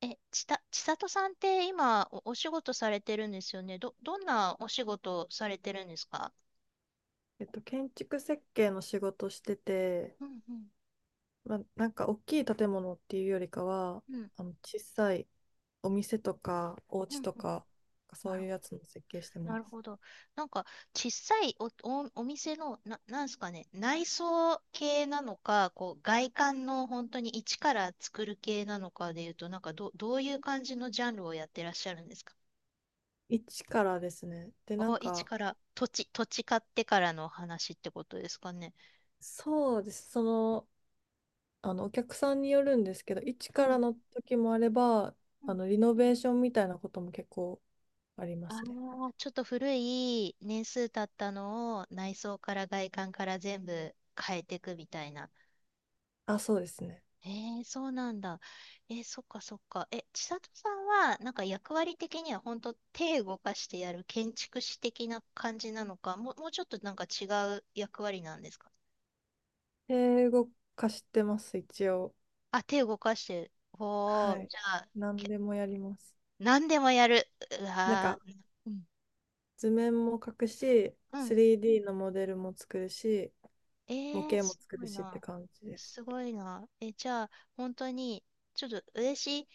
え、ちた、千里さんって今お仕事されてるんですよね。どんなお仕事されてるんですか？建築設計の仕事してて、うんうん。まあ、なんか大きい建物っていうよりかは、うん、あの小さいお店とかおうん、家とうん。か、なそうるいうほやど。つの設計してなまるす。ほど。なんか、小さいお店の、なんですかね、内装系なのか、こう、外観の本当に一から作る系なのかでいうと、なんか、どういう感じのジャンルをやってらっしゃるんですか？一からですね。で、なんお、一か、から、土地買ってからの話ってことですかね。そうです。その、お客さんによるんですけど、一うからん。の時もあれば、リノベーションみたいなことも結構ありまあすね。あ、ちょっと古い年数経ったのを内装から外観から全部変えていくみたいな。あ、そうですね。えー、そうなんだ。えー、そっかそっか。千里さんは、なんか役割的には本当手動かしてやる建築士的な感じなのか、もうちょっとなんか違う役割なんですか？英語化してます、一応。あ、手動かしてる。ほはう、い。じゃあ、何け、でもやります。何でもやる。うなんわか、ー、うん。図面も描くし、うん。3D のモデルも作るし、え模ー、型もす作ごるいしってな。感じです。すごいな。え、じゃあ、本当に、ちょっと嬉しい、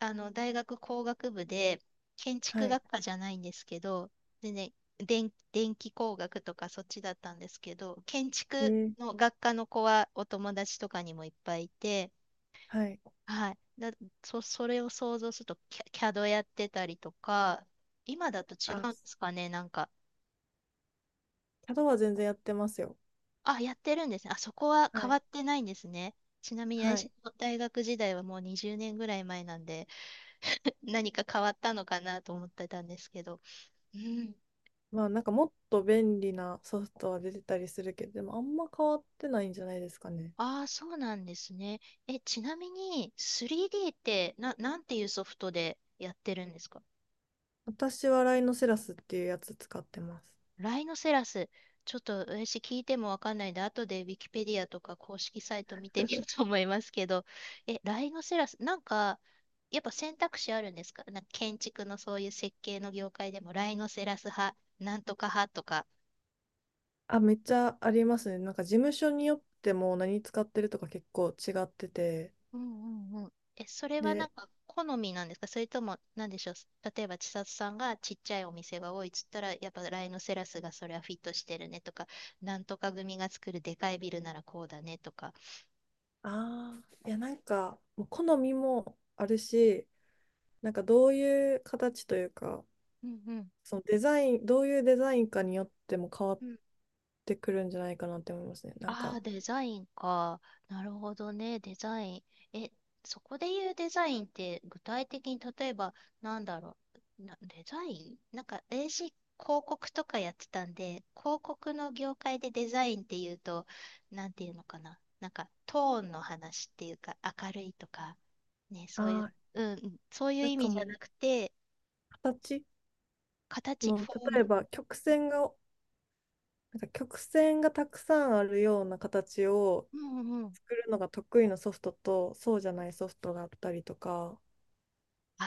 あの、大学工学部で、建築はい。学科じゃないんですけど、でね、電気工学とかそっちだったんですけど、建え築ー、の学科の子はお友達とかにもいっぱいいて、はい。はい。それを想像すると、CAD やってたりとか、今だと違あ、うんですかね、なんか。CAD は全然やってますよ。あ、やってるんですね。あ、そこはは変わい。ってないんですね。ちなみに、は私い。の大学時代はもう20年ぐらい前なんで、何か変わったのかなと思ってたんですけど。うん。まあなんかもっと便利なソフトは出てたりするけど、でもあんま変わってないんじゃないですかね。ああ、そうなんですね。ちなみに 3D ってなんていうソフトでやってるんですか？私はライノセラスっていうやつ使ってます。ライノセラス。ちょっと私聞いてもわかんないんで、後でウィキペディアとか公式サイト見てみようと思いますけど、ライノセラス、なんか、やっぱ選択肢あるんですか？なんか建築のそういう設計の業界でも、ライノセラス派、なんとか派とか。あ、めっちゃありますね。なんか事務所によっても何使ってるとか結構違ってて。うんうんうん。それはなで、んか好みなんですか？それとも、なんでしょう。例えば、千里さんがちっちゃいお店が多いっつったら、やっぱライノセラスがそれはフィットしてるねとか、なんとか組が作るでかいビルならこうだねとか。ああ、いやなんかもう好みもあるし、なんかどういう形というか、うんうん。そのデザイン、どういうデザインかによっても変わっうん。てくるんじゃないかなって思いますね。なんあか、あ、デザインか。なるほどね、デザイン。え、そこで言うデザインって具体的に例えばなんだろう。デザインなんか私広告とかやってたんで、広告の業界でデザインっていうと、なんていうのかな。なんかトーンの話っていうか、明るいとか、ね、そういあう、あ、うん、うんそういうなん意か味じゃもなうくて、形形、もうフォーム。例えば曲線が、なんか曲線がたくさんあるような形をうんうんうん。作るのが得意なソフトとそうじゃないソフトがあったりとか、あ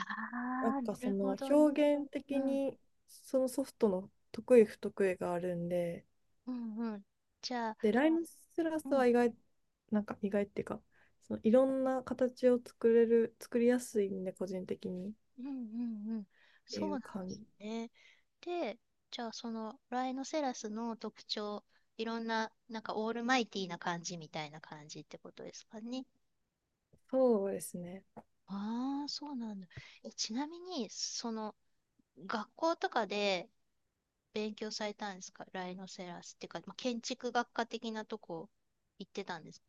なんあ、なかそるほのどね。表現う的んにそのソフトの得意不得意があるんで、うんうん。じゃあ、で、ライムシラうスんはなんか意外っていうか、そのいろんな形を作れる、作りやすいんで、個人的にっうんうんうん。てそいうなうんで感すじ。ね。で、じゃあそのライノセラスの特徴、いろんな、なんかオールマイティーな感じみたいな感じってことですかね。そうですね。ああ、そうなんだ。ちなみに、その学校とかで勉強されたんですか？ライノセラスっていうか、まあ、建築学科的なとこ行ってたんですか？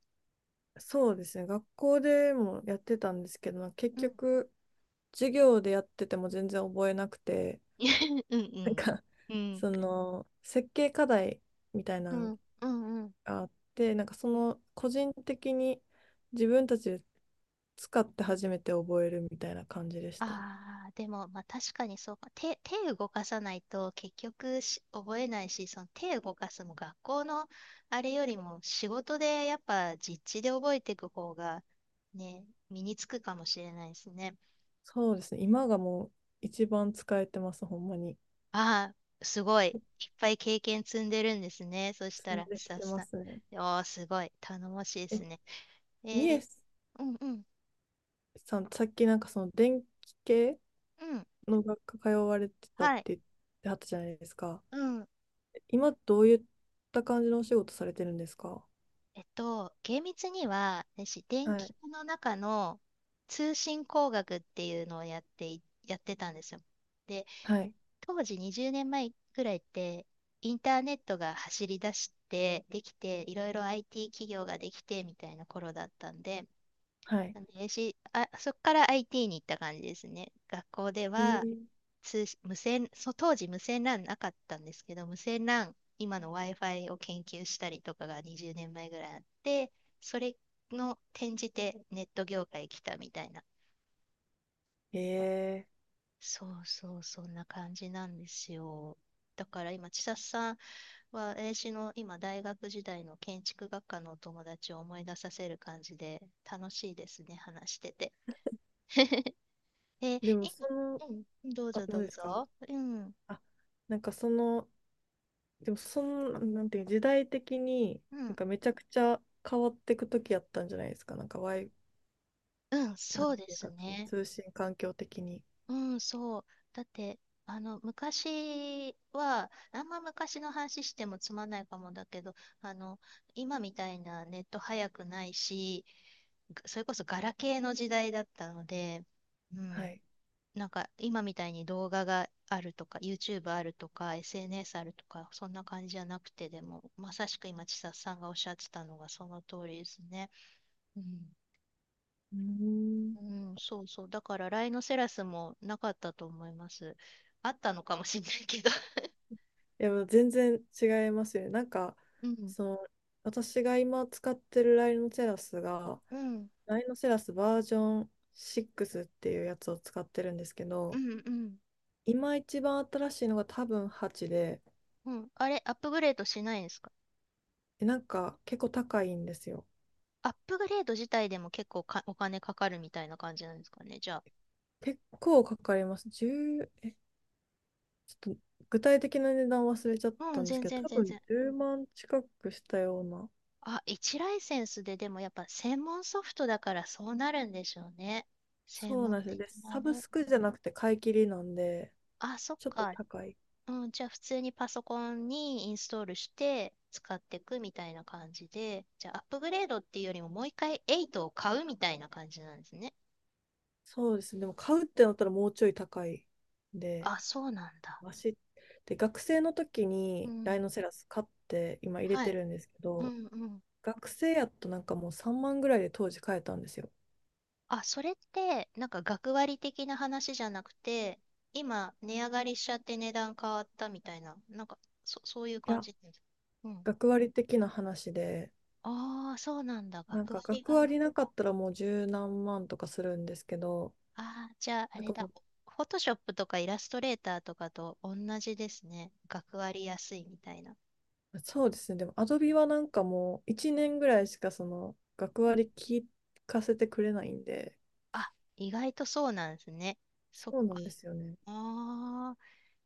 そうですね。学校でもやってたんですけど、結うん。局、授業でやってても全然覚えなくて、うんうなんん。か、うん。その、設計課題みたいなうのんうんうん。あって、なんかその個人的に自分たちで使って初めて覚えるみたいな感じでした。ああ、でも、まあ確かにそうか。手動かさないと結局覚えないし、その手動かすも学校のあれよりも仕事でやっぱ実地で覚えていく方がね、身につくかもしれないですね。そうですね。今がもう一番使えてます、ほんまに。ああ、すごい。いっぱい経験積んでるんですね。そした進んら、でスきタッてフまさん。すね。おー、すごい。頼もしいでえ、すね。えみえー、うんうん。さん、さっきなんかその電気系うん。の学科通われてたっはい。て言ってはったじゃないですか。うん。今どういった感じのお仕事されてるんですか？厳密には、私、電は気い。科の中の通信工学っていうのをやってたんですよ。で、はい。当時20年前ぐらいって、インターネットが走り出して、できて、いろいろ IT 企業ができてみたいな頃だったんで、はい。なんで私そこから IT に行った感じですね。学校でえはー、通無線、そ当時無線 LAN なかったんですけど、無線 LAN、今の Wi-Fi を研究したりとかが20年前ぐらいあって、それの転じてネット業界来たみたいな。えそうそう、そんな感じなんですよ。だから今、千里さんは、私の今、大学時代の建築学科のお友達を思い出させる感じで、楽しいですね、話してて。えー、でもその、うん、どうあ、ぞ何どうですか？ぞ。うん、あ、なんかその、でもその、なんていう、時代的に、うなんん、かめちゃくちゃ変わっていく時やったんじゃないですか。なんか、うん、なそんうでていうすか、そのね。通信環境的に。うん、そう。だって、あの、昔は、あんま昔の話してもつまんないかもだけど、あの、今みたいなネット早くないし、それこそガラケーの時代だったので、うはん、い。なんか今みたいに動画があるとか、YouTube あるとか、SNS あるとか、そんな感じじゃなくて、でも、まさしく今、千里さんがおっしゃってたのがその通りですね。うんうーん。うん、そうそう。だから、ライノセラスもなかったと思います。あったのかもしれないけど。いや、もう全然違いますよね。なんか、うん、その、私が今使ってるライノセラスが、うん、ライノセラスバージョン6っていうやつを使ってるんですけうん、ど、うん。今一番新しいのが多分8で、うん。あれ、アップグレードしないんですか？でなんか結構高いんですよ。アップグレード自体でも結構お金かかるみたいな感じなんですかね、じゃ結構かかります。1ちょっと具体的な値段忘れちゃっあ。うたん、んです全けど、然多全分然。10万近くしたような。あ、1ライセンスででもやっぱ専門ソフトだからそうなるんでしょうね。専そう門なんですよ。的で、なサブね。スクじゃなくて買い切りなんで、あ、そっちょっとか。高い。うん、じゃあ普通にパソコンにインストールして使っていくみたいな感じで、じゃあアップグレードっていうよりももう一回エイトを買うみたいな感じなんですね。そうですね。でも買うってなったらもうちょい高いんで、あ、そうなんだ。マシ。で、学生の時うにライん。ノセラス買って今入れはてい。るんですけうど、んうん。学生やとなんかもう3万ぐらいで当時買えたんですよ。あ、それってなんか学割的な話じゃなくて、今値上がりしちゃって値段変わったみたいな、なんか、そういうい感や、じです。うん。学割的な話で、ああ、そうなんだ。なん学か割学が。割なかったらもう十何万とかするんですけど、ああ、じゃああなんれかだ。もフォトショップとかイラストレーターとかと同じですね。学割安いみたいな。う、そうですね、でもアドビはなんかもう1年ぐらいしかその学うん。割聞かせてくれないんで、あ、意外とそうなんですね。そっそうなか。んですよね。ああ、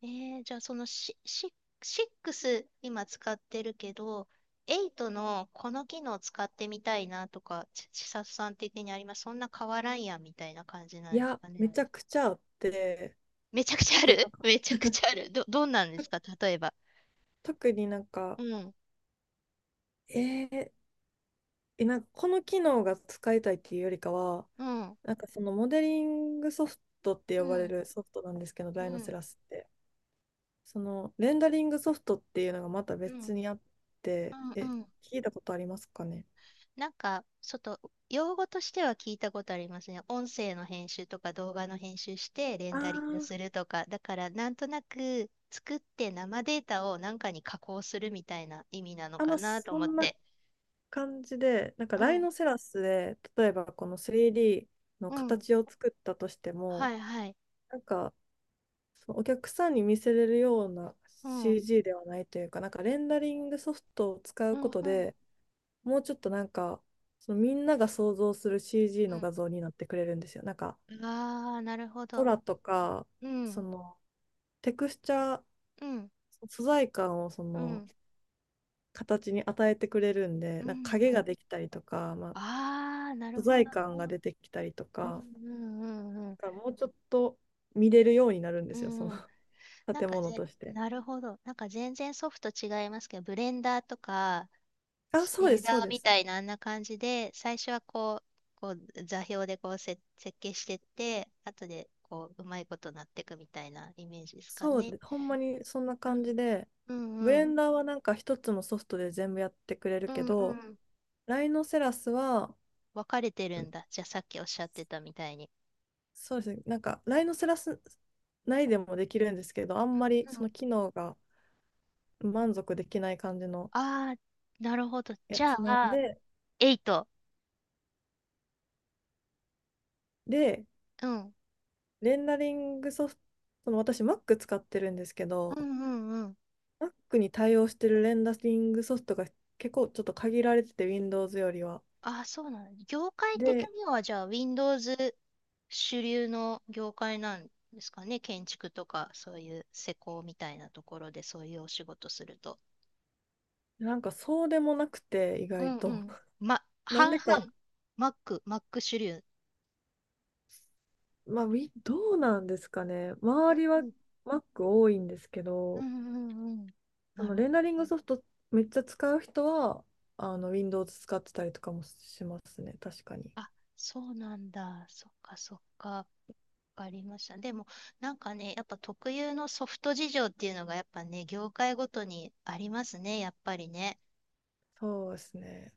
えー、じゃあその6今使ってるけど、8のこの機能使ってみたいなとか、ち、ちさ里さん的にあります？そんな変わらんやんみたいな感じいなんですや、かね。めちゃくちゃあって、めちゃくちゃあで、なる？ ん か めちゃく ちゃある。どんなんですか？例えば。特になんか、うん、えーえなんかこの機能が使いたいっていうよりかは、うん、なんかそのモデリングソフトってう呼ばれん、るソフトなんですけど、うライノセん。ラスって。そのレンダリングソフトっていうのがまたうん別にあって、うんうん。聞いたことありますかね？なんか、ちょっと、用語としては聞いたことありますね。音声の編集とか動画の編集してレンあダリングすー、るとか。だから、なんとなく作って生データをなんかに加工するみたいな意味なのあ、かまあ、なとそ思っんなて。感じで、なんかうライん、ノセラスで、例えばこの 3D のうん。形を作ったとしてはも、いはい。なんかそのお客さんに見せれるような うん、うん、CG ではないというか、なんかレンダリングソフトを使ううこん、とでもうちょっとなんか、そのみんなが想像する CG の画像になってくれるんですよ。なんかうん。ああ、なるほど。空とか、うそん、のテクスチャーうん、素材感をそうのん、形に与えてくれるんで、うなんかん、影うがん。できたりとか、まあ、ああ、な素るほ材どね。感が出てきたりとうん、か、うん、うん、うだん。からもうちょっと見れるようになるんでうすよ、その ん。 なん建か物ぜ、として。なるほど。なんか全然ソフト違いますけど、ブレンダーとか、あ、シそェうでーす、ダそうーでみす。たいなあんな感じで、最初はこう座標でこう設計してって、後でこう、うまいことなっていくみたいなイメージですかそうね。です。ほんまにそんなうん。感じで、うブんうレん。ンダーはなんか一つのソフトで全部やってくれるうけんうど、ん。ライノセラスは、分かれてるんだ。じゃあさっきおっしゃってたみたいに。そうですね、なんかライノセラス内でもできるんですけど、あんまりうそん。の機能が満足できない感じのああ、なるほど。やじゃつなんあ、で、8。で、うん。レンダリングソフト、その私 Mac 使ってるんですけうど、んうんうん。Mac に対応してるレンダリングソフトが結構ちょっと限られてて、Windows よりは。ああ、そうなの。業界的で、にはじゃあ Windows 主流の業界なんですかね。建築とか、そういう施工みたいなところで、そういうお仕事すると。なんかそうでもなくて、意う外んうと。ん。ま、なん半でか、々。マック主流。まあ、どうなんですかね。う周んりは うん Mac 多いんですけうんど、うんうん。そなのるほレンど。ダリングソフトめっちゃ使う人は、あの Windows 使ってたりとかもしますね、確かに。あ、そうなんだ。そっかそっか。わかりました。でも、なんかね、やっぱ特有のソフト事情っていうのが、やっぱね、業界ごとにありますね、やっぱりね。そうですね。